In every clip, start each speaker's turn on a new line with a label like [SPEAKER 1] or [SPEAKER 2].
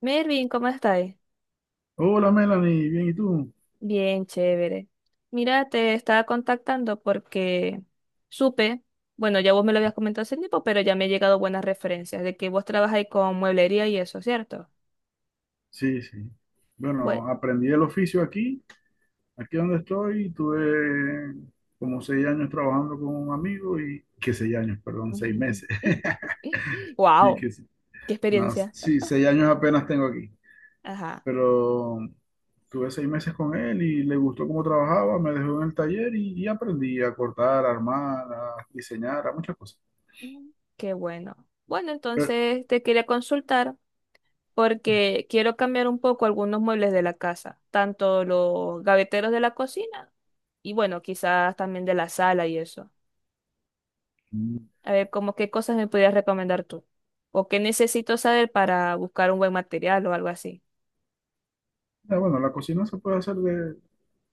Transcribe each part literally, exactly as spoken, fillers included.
[SPEAKER 1] Mervin, ¿cómo estáis?
[SPEAKER 2] Hola Melanie, bien, ¿y tú?
[SPEAKER 1] Bien, chévere. Mira, te estaba contactando porque supe, bueno, ya vos me lo habías comentado hace tiempo, pero ya me han llegado buenas referencias de que vos trabajáis con mueblería y eso, ¿cierto?
[SPEAKER 2] Sí, sí.
[SPEAKER 1] Bueno.
[SPEAKER 2] Bueno, aprendí el oficio aquí, aquí donde estoy, tuve como seis años trabajando con un amigo y que seis años, perdón, seis meses. Y
[SPEAKER 1] Wow,
[SPEAKER 2] que sí,
[SPEAKER 1] qué
[SPEAKER 2] no,
[SPEAKER 1] experiencia.
[SPEAKER 2] sí, seis años apenas tengo aquí,
[SPEAKER 1] Ajá.
[SPEAKER 2] pero tuve seis meses con él y le gustó cómo trabajaba, me dejó en el taller y, y aprendí a cortar, a armar, a diseñar, a muchas cosas.
[SPEAKER 1] Mm. Qué bueno. Bueno,
[SPEAKER 2] Pero,
[SPEAKER 1] entonces te quería consultar porque quiero cambiar un poco algunos muebles de la casa, tanto los gaveteros de la cocina y bueno, quizás también de la sala y eso.
[SPEAKER 2] mm,
[SPEAKER 1] A ver, como qué cosas me podrías recomendar tú. O qué necesito saber para buscar un buen material o algo así.
[SPEAKER 2] ah, bueno, la cocina se puede hacer de,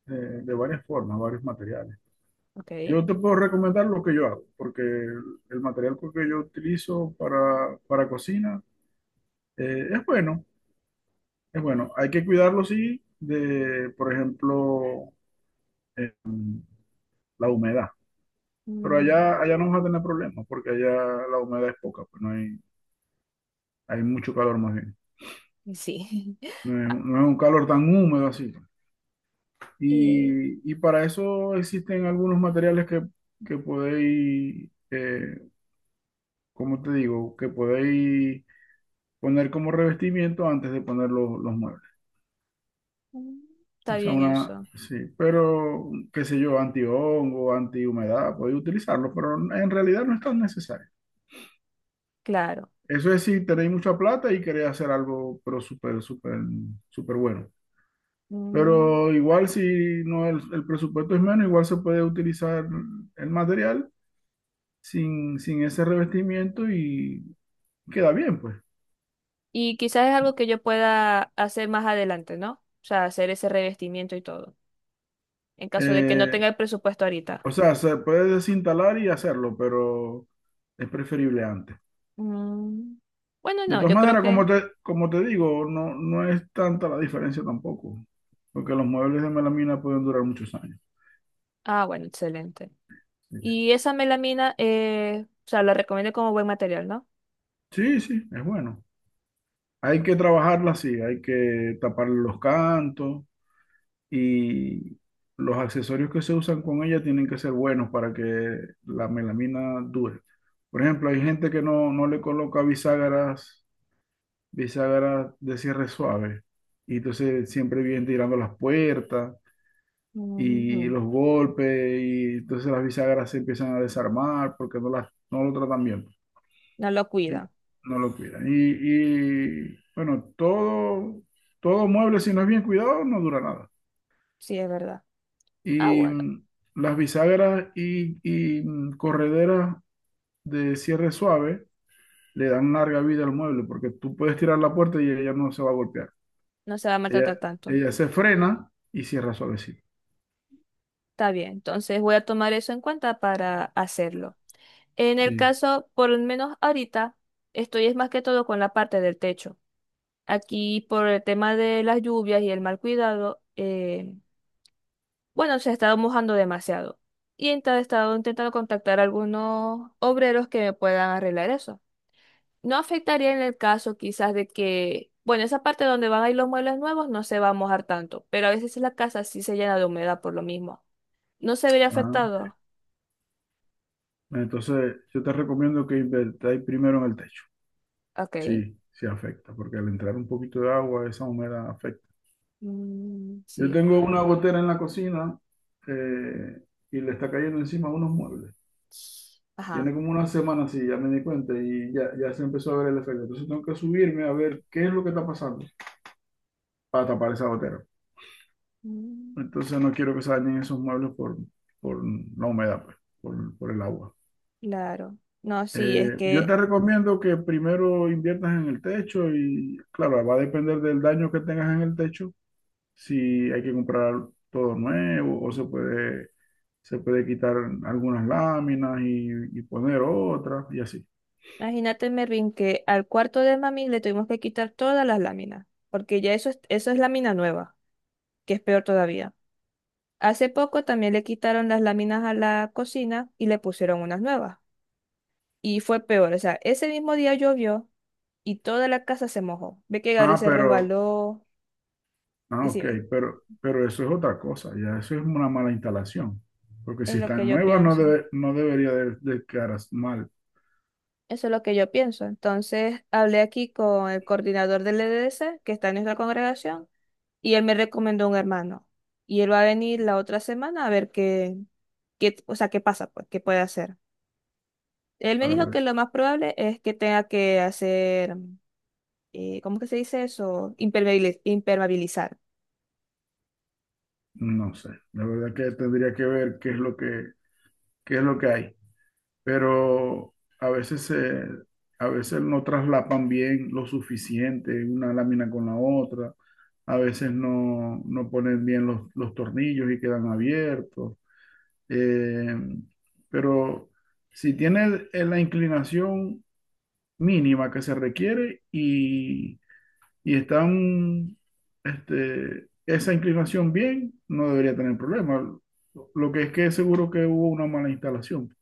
[SPEAKER 2] de de varias formas, varios materiales.
[SPEAKER 1] Ok.
[SPEAKER 2] Yo te puedo recomendar lo que yo hago, porque el, el material pues, que yo utilizo para, para cocina eh, es bueno, es bueno. Hay que cuidarlo, sí, de, por ejemplo, eh, la humedad. Pero
[SPEAKER 1] Mm,
[SPEAKER 2] allá, allá no vas a tener problemas, porque allá la humedad es poca, pues no hay, hay mucho calor más bien.
[SPEAKER 1] sí.
[SPEAKER 2] No es,
[SPEAKER 1] Ah,
[SPEAKER 2] no es un calor tan húmedo así.
[SPEAKER 1] eh,
[SPEAKER 2] Y, y para eso existen algunos materiales que, que podéis, eh, ¿cómo te digo? Que podéis poner como revestimiento antes de poner los, los muebles.
[SPEAKER 1] mm, está
[SPEAKER 2] O sea,
[SPEAKER 1] bien
[SPEAKER 2] una,
[SPEAKER 1] eso.
[SPEAKER 2] sí, pero qué sé yo, antihongo, antihumedad, podéis utilizarlo, pero en realidad no es tan necesario.
[SPEAKER 1] Claro.
[SPEAKER 2] Eso es si tenéis mucha plata y queréis hacer algo, pero súper, súper, súper bueno.
[SPEAKER 1] Mm,
[SPEAKER 2] Pero igual si no el, el presupuesto es menos, igual se puede utilizar el material sin, sin ese revestimiento y queda bien, pues.
[SPEAKER 1] y quizás es algo que yo pueda hacer más adelante, ¿no? O sea, hacer ese revestimiento y todo. En caso de que no
[SPEAKER 2] Eh,
[SPEAKER 1] tenga el presupuesto ahorita.
[SPEAKER 2] o sea, se puede desinstalar y hacerlo, pero es preferible antes.
[SPEAKER 1] Mm, Bueno,
[SPEAKER 2] De
[SPEAKER 1] no,
[SPEAKER 2] todas
[SPEAKER 1] yo creo
[SPEAKER 2] maneras,
[SPEAKER 1] que.
[SPEAKER 2] como te, como te digo, no, no es tanta la diferencia tampoco, porque los muebles de melamina pueden durar muchos años.
[SPEAKER 1] Ah, bueno, excelente.
[SPEAKER 2] Sí,
[SPEAKER 1] Y esa melamina, eh, o sea, la recomiendo como buen material, ¿no?
[SPEAKER 2] sí, sí, es bueno. Hay que trabajarla así, hay que tapar los cantos y los accesorios que se usan con ella tienen que ser buenos para que la melamina dure. Por ejemplo, hay gente que no, no le coloca bisagras, bisagras de cierre suave y entonces siempre vienen tirando las puertas y
[SPEAKER 1] Ujú.
[SPEAKER 2] los golpes y entonces las bisagras se empiezan a desarmar porque no las no lo tratan bien
[SPEAKER 1] No lo
[SPEAKER 2] y
[SPEAKER 1] cuida.
[SPEAKER 2] no lo cuidan y, y, bueno todo todo mueble si no es bien cuidado no dura nada
[SPEAKER 1] Sí, es verdad. Ah,
[SPEAKER 2] y
[SPEAKER 1] bueno,
[SPEAKER 2] mm, las bisagras y, y, mm, correderas de cierre suave le dan larga vida al mueble porque tú puedes tirar la puerta y ella no se va a golpear
[SPEAKER 1] no se va a
[SPEAKER 2] ella
[SPEAKER 1] maltratar tanto.
[SPEAKER 2] ella se frena y cierra suavecito
[SPEAKER 1] Está bien, entonces voy a tomar eso en cuenta para hacerlo. En el
[SPEAKER 2] sí.
[SPEAKER 1] caso, por lo menos ahorita, estoy es más que todo con la parte del techo. Aquí por el tema de las lluvias y el mal cuidado, eh, bueno, se ha estado mojando demasiado. Y ent- he estado intentando contactar a algunos obreros que me puedan arreglar eso. No afectaría en el caso quizás de que, bueno, esa parte donde van a ir los muebles nuevos no se va a mojar tanto, pero a veces la casa sí se llena de humedad por lo mismo. ¿No se vería
[SPEAKER 2] Ah,
[SPEAKER 1] afectado?
[SPEAKER 2] entonces yo te recomiendo que invertáis primero en el techo.
[SPEAKER 1] Ok.
[SPEAKER 2] Sí, sí afecta, porque al entrar un poquito de agua, esa humedad afecta.
[SPEAKER 1] Mm,
[SPEAKER 2] Yo
[SPEAKER 1] sí.
[SPEAKER 2] tengo una gotera en la cocina eh, y le está cayendo encima unos muebles. Tiene
[SPEAKER 1] Ajá.
[SPEAKER 2] como una semana así, ya me di cuenta y ya, ya se empezó a ver el efecto. Entonces tengo que subirme a ver qué es lo que está pasando para tapar esa gotera.
[SPEAKER 1] Mm,
[SPEAKER 2] Entonces no quiero que se dañen esos muebles por, por la humedad, pues, por, por el agua.
[SPEAKER 1] claro. No, sí, es
[SPEAKER 2] Eh, yo
[SPEAKER 1] que
[SPEAKER 2] te recomiendo que primero inviertas en el techo y claro, va a depender del daño que tengas en el techo si hay que comprar todo nuevo o se puede, se puede quitar algunas láminas y, y poner otras y así.
[SPEAKER 1] imagínate, Mervin, que al cuarto de mami le tuvimos que quitar todas las láminas, porque ya eso es, eso es lámina nueva, que es peor todavía. Hace poco también le quitaron las láminas a la cocina y le pusieron unas nuevas. Y fue peor, o sea, ese mismo día llovió y toda la casa se mojó. Ve que Gabriel
[SPEAKER 2] Ah,
[SPEAKER 1] se
[SPEAKER 2] pero,
[SPEAKER 1] resbaló.
[SPEAKER 2] ah, ok,
[SPEAKER 1] Decime,
[SPEAKER 2] pero, pero eso es otra cosa, ya eso es una mala instalación, porque
[SPEAKER 1] es
[SPEAKER 2] si
[SPEAKER 1] lo que
[SPEAKER 2] están
[SPEAKER 1] yo
[SPEAKER 2] nuevas no,
[SPEAKER 1] pienso.
[SPEAKER 2] debe- no debería de, de quedar as- mal.
[SPEAKER 1] Eso es lo que yo pienso. Entonces hablé aquí con el coordinador del E D C, que está en nuestra congregación, y él me recomendó un hermano. Y él va a venir la otra semana a ver qué, qué, o sea, qué pasa, pues, qué puede hacer. Él me
[SPEAKER 2] A
[SPEAKER 1] dijo que
[SPEAKER 2] ver,
[SPEAKER 1] lo más probable es que tenga que hacer, eh, ¿cómo que se dice eso? Impermeabili- impermeabilizar.
[SPEAKER 2] no sé, la verdad que tendría que ver qué es lo que, qué es lo que hay. Pero a veces se, a veces no traslapan bien lo suficiente una lámina con la otra, a veces no, no ponen bien los, los tornillos y quedan abiertos. Eh, pero si tiene eh, la inclinación mínima que se requiere y, y están este, esa inclinación bien, no debería tener problema. Lo que es que seguro que hubo una mala instalación.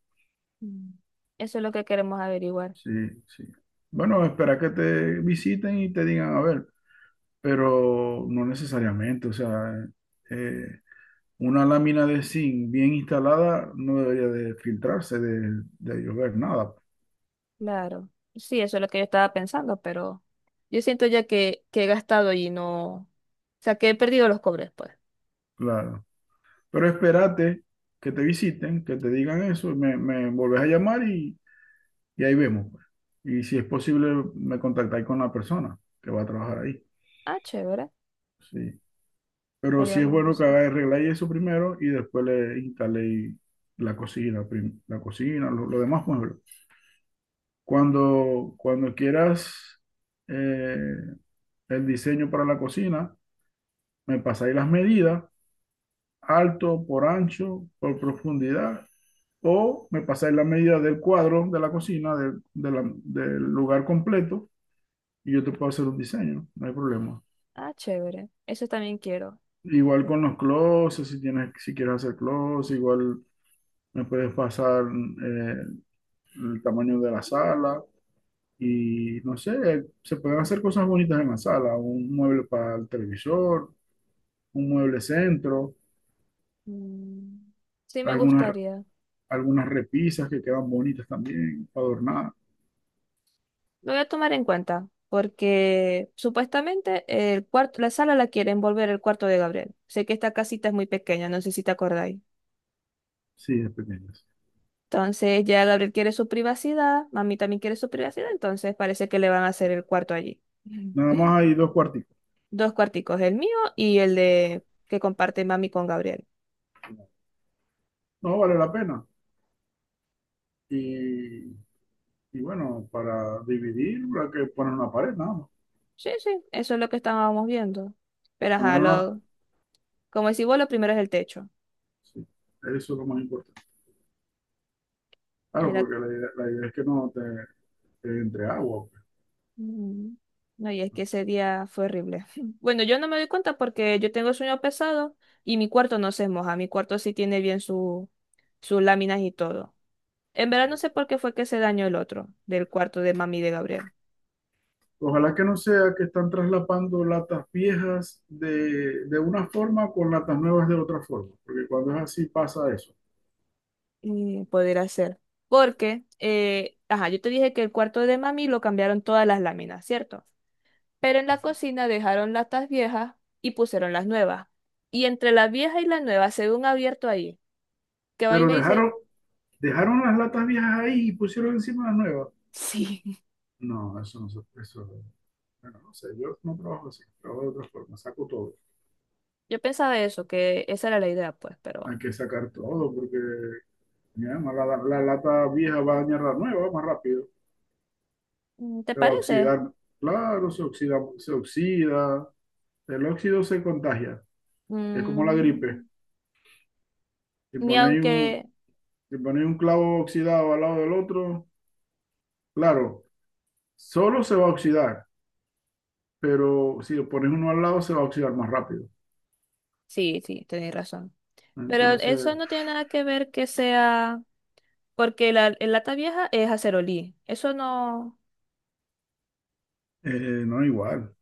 [SPEAKER 1] Mm. Eso es lo que queremos averiguar,
[SPEAKER 2] Sí, sí. Bueno, espera que te visiten y te digan, a ver, pero no necesariamente, o sea, eh, una lámina de zinc bien instalada no debería de filtrarse, de, de llover, nada,
[SPEAKER 1] claro. Sí, eso es lo que yo estaba pensando, pero yo siento ya que, que he gastado y no, o sea, que he perdido los cobres, pues.
[SPEAKER 2] claro. Pero espérate que te visiten, que te digan eso, y me, me volvés a llamar y, y ahí vemos, pues. Y si es posible, me contactáis con la persona que va a trabajar ahí.
[SPEAKER 1] Ah, chévere,
[SPEAKER 2] Sí. Pero
[SPEAKER 1] estaría
[SPEAKER 2] sí es
[SPEAKER 1] bueno
[SPEAKER 2] bueno que
[SPEAKER 1] eso.
[SPEAKER 2] haga arreglar eso primero y después le instale la cocina, prim- la cocina, lo, lo demás muebles. Cuando, cuando quieras eh, el diseño para la cocina, me pasáis las medidas, alto, por ancho, por profundidad, o me pasáis las medidas del cuadro de la cocina, del de la- del lugar completo, y yo te puedo hacer un diseño, no hay problema.
[SPEAKER 1] Ah, chévere, eso también quiero.
[SPEAKER 2] Igual con los closets, si tienes, si quieres hacer closets, igual me puedes pasar eh, el tamaño de la sala y no sé, se pueden hacer cosas bonitas en la sala, un mueble para el televisor, un mueble centro,
[SPEAKER 1] Mm, sí, me
[SPEAKER 2] algunas,
[SPEAKER 1] gustaría.
[SPEAKER 2] algunas repisas que quedan bonitas también para adornar,
[SPEAKER 1] Lo voy a tomar en cuenta, porque supuestamente el cuarto, la sala la quieren volver el cuarto de Gabriel. Sé que esta casita es muy pequeña, no sé si te acordáis.
[SPEAKER 2] sí, es pequeñas.
[SPEAKER 1] Entonces ya Gabriel quiere su privacidad, mami también quiere su privacidad, entonces parece que le van a hacer el cuarto allí.
[SPEAKER 2] Nada más hay dos cuartitos.
[SPEAKER 1] Dos cuarticos, el mío y el de que comparte mami con Gabriel.
[SPEAKER 2] No vale la pena. Y, y bueno, para dividir, hay que poner una pared, nada más.
[SPEAKER 1] Sí, sí, eso es lo que estábamos viendo. Pero ajá,
[SPEAKER 2] Poner una,
[SPEAKER 1] lo, como decís vos, lo primero es el techo.
[SPEAKER 2] sí, eso es lo más importante.
[SPEAKER 1] Y
[SPEAKER 2] Claro,
[SPEAKER 1] era-
[SPEAKER 2] porque la idea, la idea es que no te, te entre agua.
[SPEAKER 1] mm, no, y es que ese día fue horrible. Bueno, yo no me doy cuenta porque yo tengo sueño pesado y mi cuarto no se moja. Mi cuarto sí tiene bien su, sus láminas y todo. En verdad no sé por qué fue que se dañó el otro del cuarto de mami de Gabriel.
[SPEAKER 2] Ojalá que no sea que están traslapando latas viejas de, de una forma con latas nuevas de otra forma, porque cuando es así pasa eso.
[SPEAKER 1] Y poder hacer. Porque, eh, ajá, yo te dije que el cuarto de mami lo cambiaron todas las láminas, ¿cierto? Pero en la cocina dejaron latas viejas y pusieron las nuevas. Y entre la vieja y la nueva se ve un abierto ahí. Que a mí
[SPEAKER 2] Pero
[SPEAKER 1] me dice,
[SPEAKER 2] dejaron, dejaron las latas viejas ahí y pusieron encima las nuevas.
[SPEAKER 1] sí.
[SPEAKER 2] No, eso no se eso, bueno, no sé, yo no trabajo así, trabajo de otra forma, saco todo.
[SPEAKER 1] Yo pensaba eso, que esa era la idea, pues,
[SPEAKER 2] Hay
[SPEAKER 1] pero
[SPEAKER 2] que sacar todo porque mira, no, la, la lata vieja va a dañar la nueva más rápido,
[SPEAKER 1] mm, ¿te
[SPEAKER 2] se va a
[SPEAKER 1] parece?
[SPEAKER 2] oxidar. Claro, se oxida, se oxida, el óxido se contagia, es como la gripe.
[SPEAKER 1] Mm,
[SPEAKER 2] Si
[SPEAKER 1] ni
[SPEAKER 2] ponéis un,
[SPEAKER 1] aunque...
[SPEAKER 2] y poner un clavo oxidado al lado del otro, claro, solo se va a oxidar, pero si lo pones uno al lado se va a oxidar más rápido.
[SPEAKER 1] Sí, sí, tenéis razón. Pero eso
[SPEAKER 2] Entonces,
[SPEAKER 1] no tiene nada que ver que sea. Porque la, el lata vieja es acerolí. Eso no,
[SPEAKER 2] eh, no es igual.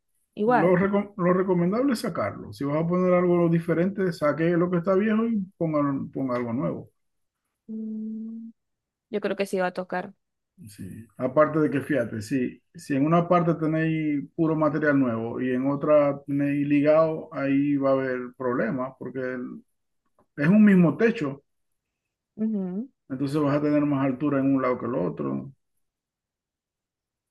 [SPEAKER 2] Lo,
[SPEAKER 1] igual.
[SPEAKER 2] reco- lo recomendable es sacarlo. Si vas a poner algo diferente, saque lo que está viejo y ponga, ponga algo nuevo.
[SPEAKER 1] Mm, yo creo que sí va a tocar.
[SPEAKER 2] Sí. Aparte de que, fíjate, si, si en una parte tenéis puro material nuevo y en otra tenéis ligado, ahí va a haber problemas porque el- es un mismo techo,
[SPEAKER 1] Ujú.
[SPEAKER 2] entonces vas a tener más altura en un lado que el otro.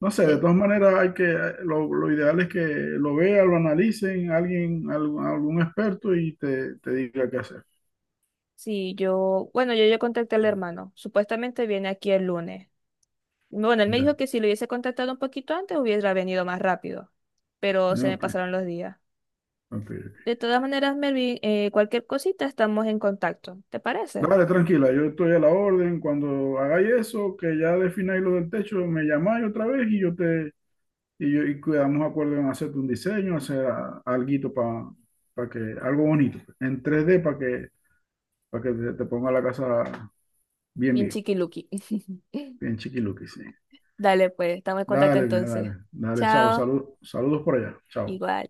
[SPEAKER 2] No sé, de
[SPEAKER 1] Ve.
[SPEAKER 2] todas maneras hay que, lo, lo ideal es que lo vea, lo analicen, alguien, algún, algún experto y te, te diga qué hacer.
[SPEAKER 1] Sí, yo, bueno, yo ya contacté al hermano. Supuestamente viene aquí el lunes. Bueno, él me dijo
[SPEAKER 2] Ya.
[SPEAKER 1] que si lo hubiese contactado un poquito antes hubiera venido más rápido. Pero se me
[SPEAKER 2] Ok,
[SPEAKER 1] pasaron los días.
[SPEAKER 2] ok, ok.
[SPEAKER 1] De todas maneras, Melvin, eh, cualquier cosita estamos en contacto. ¿Te parece?
[SPEAKER 2] Dale, tranquila, yo estoy a la orden. Cuando hagáis eso, que ya defináis lo del techo, me llamáis otra vez y yo te y, yo, y quedamos de acuerdo en hacerte un diseño, hacer algo para que algo bonito, pues, en tres d para que para que te, te ponga la casa bien,
[SPEAKER 1] Bien
[SPEAKER 2] bien,
[SPEAKER 1] chiquiluki.
[SPEAKER 2] bien chiquiluqui, sí.
[SPEAKER 1] Dale, pues, estamos en contacto
[SPEAKER 2] Dale, mira,
[SPEAKER 1] entonces.
[SPEAKER 2] dale, dale, chao,
[SPEAKER 1] Chao.
[SPEAKER 2] salud, saludos por allá, chao.
[SPEAKER 1] Igual.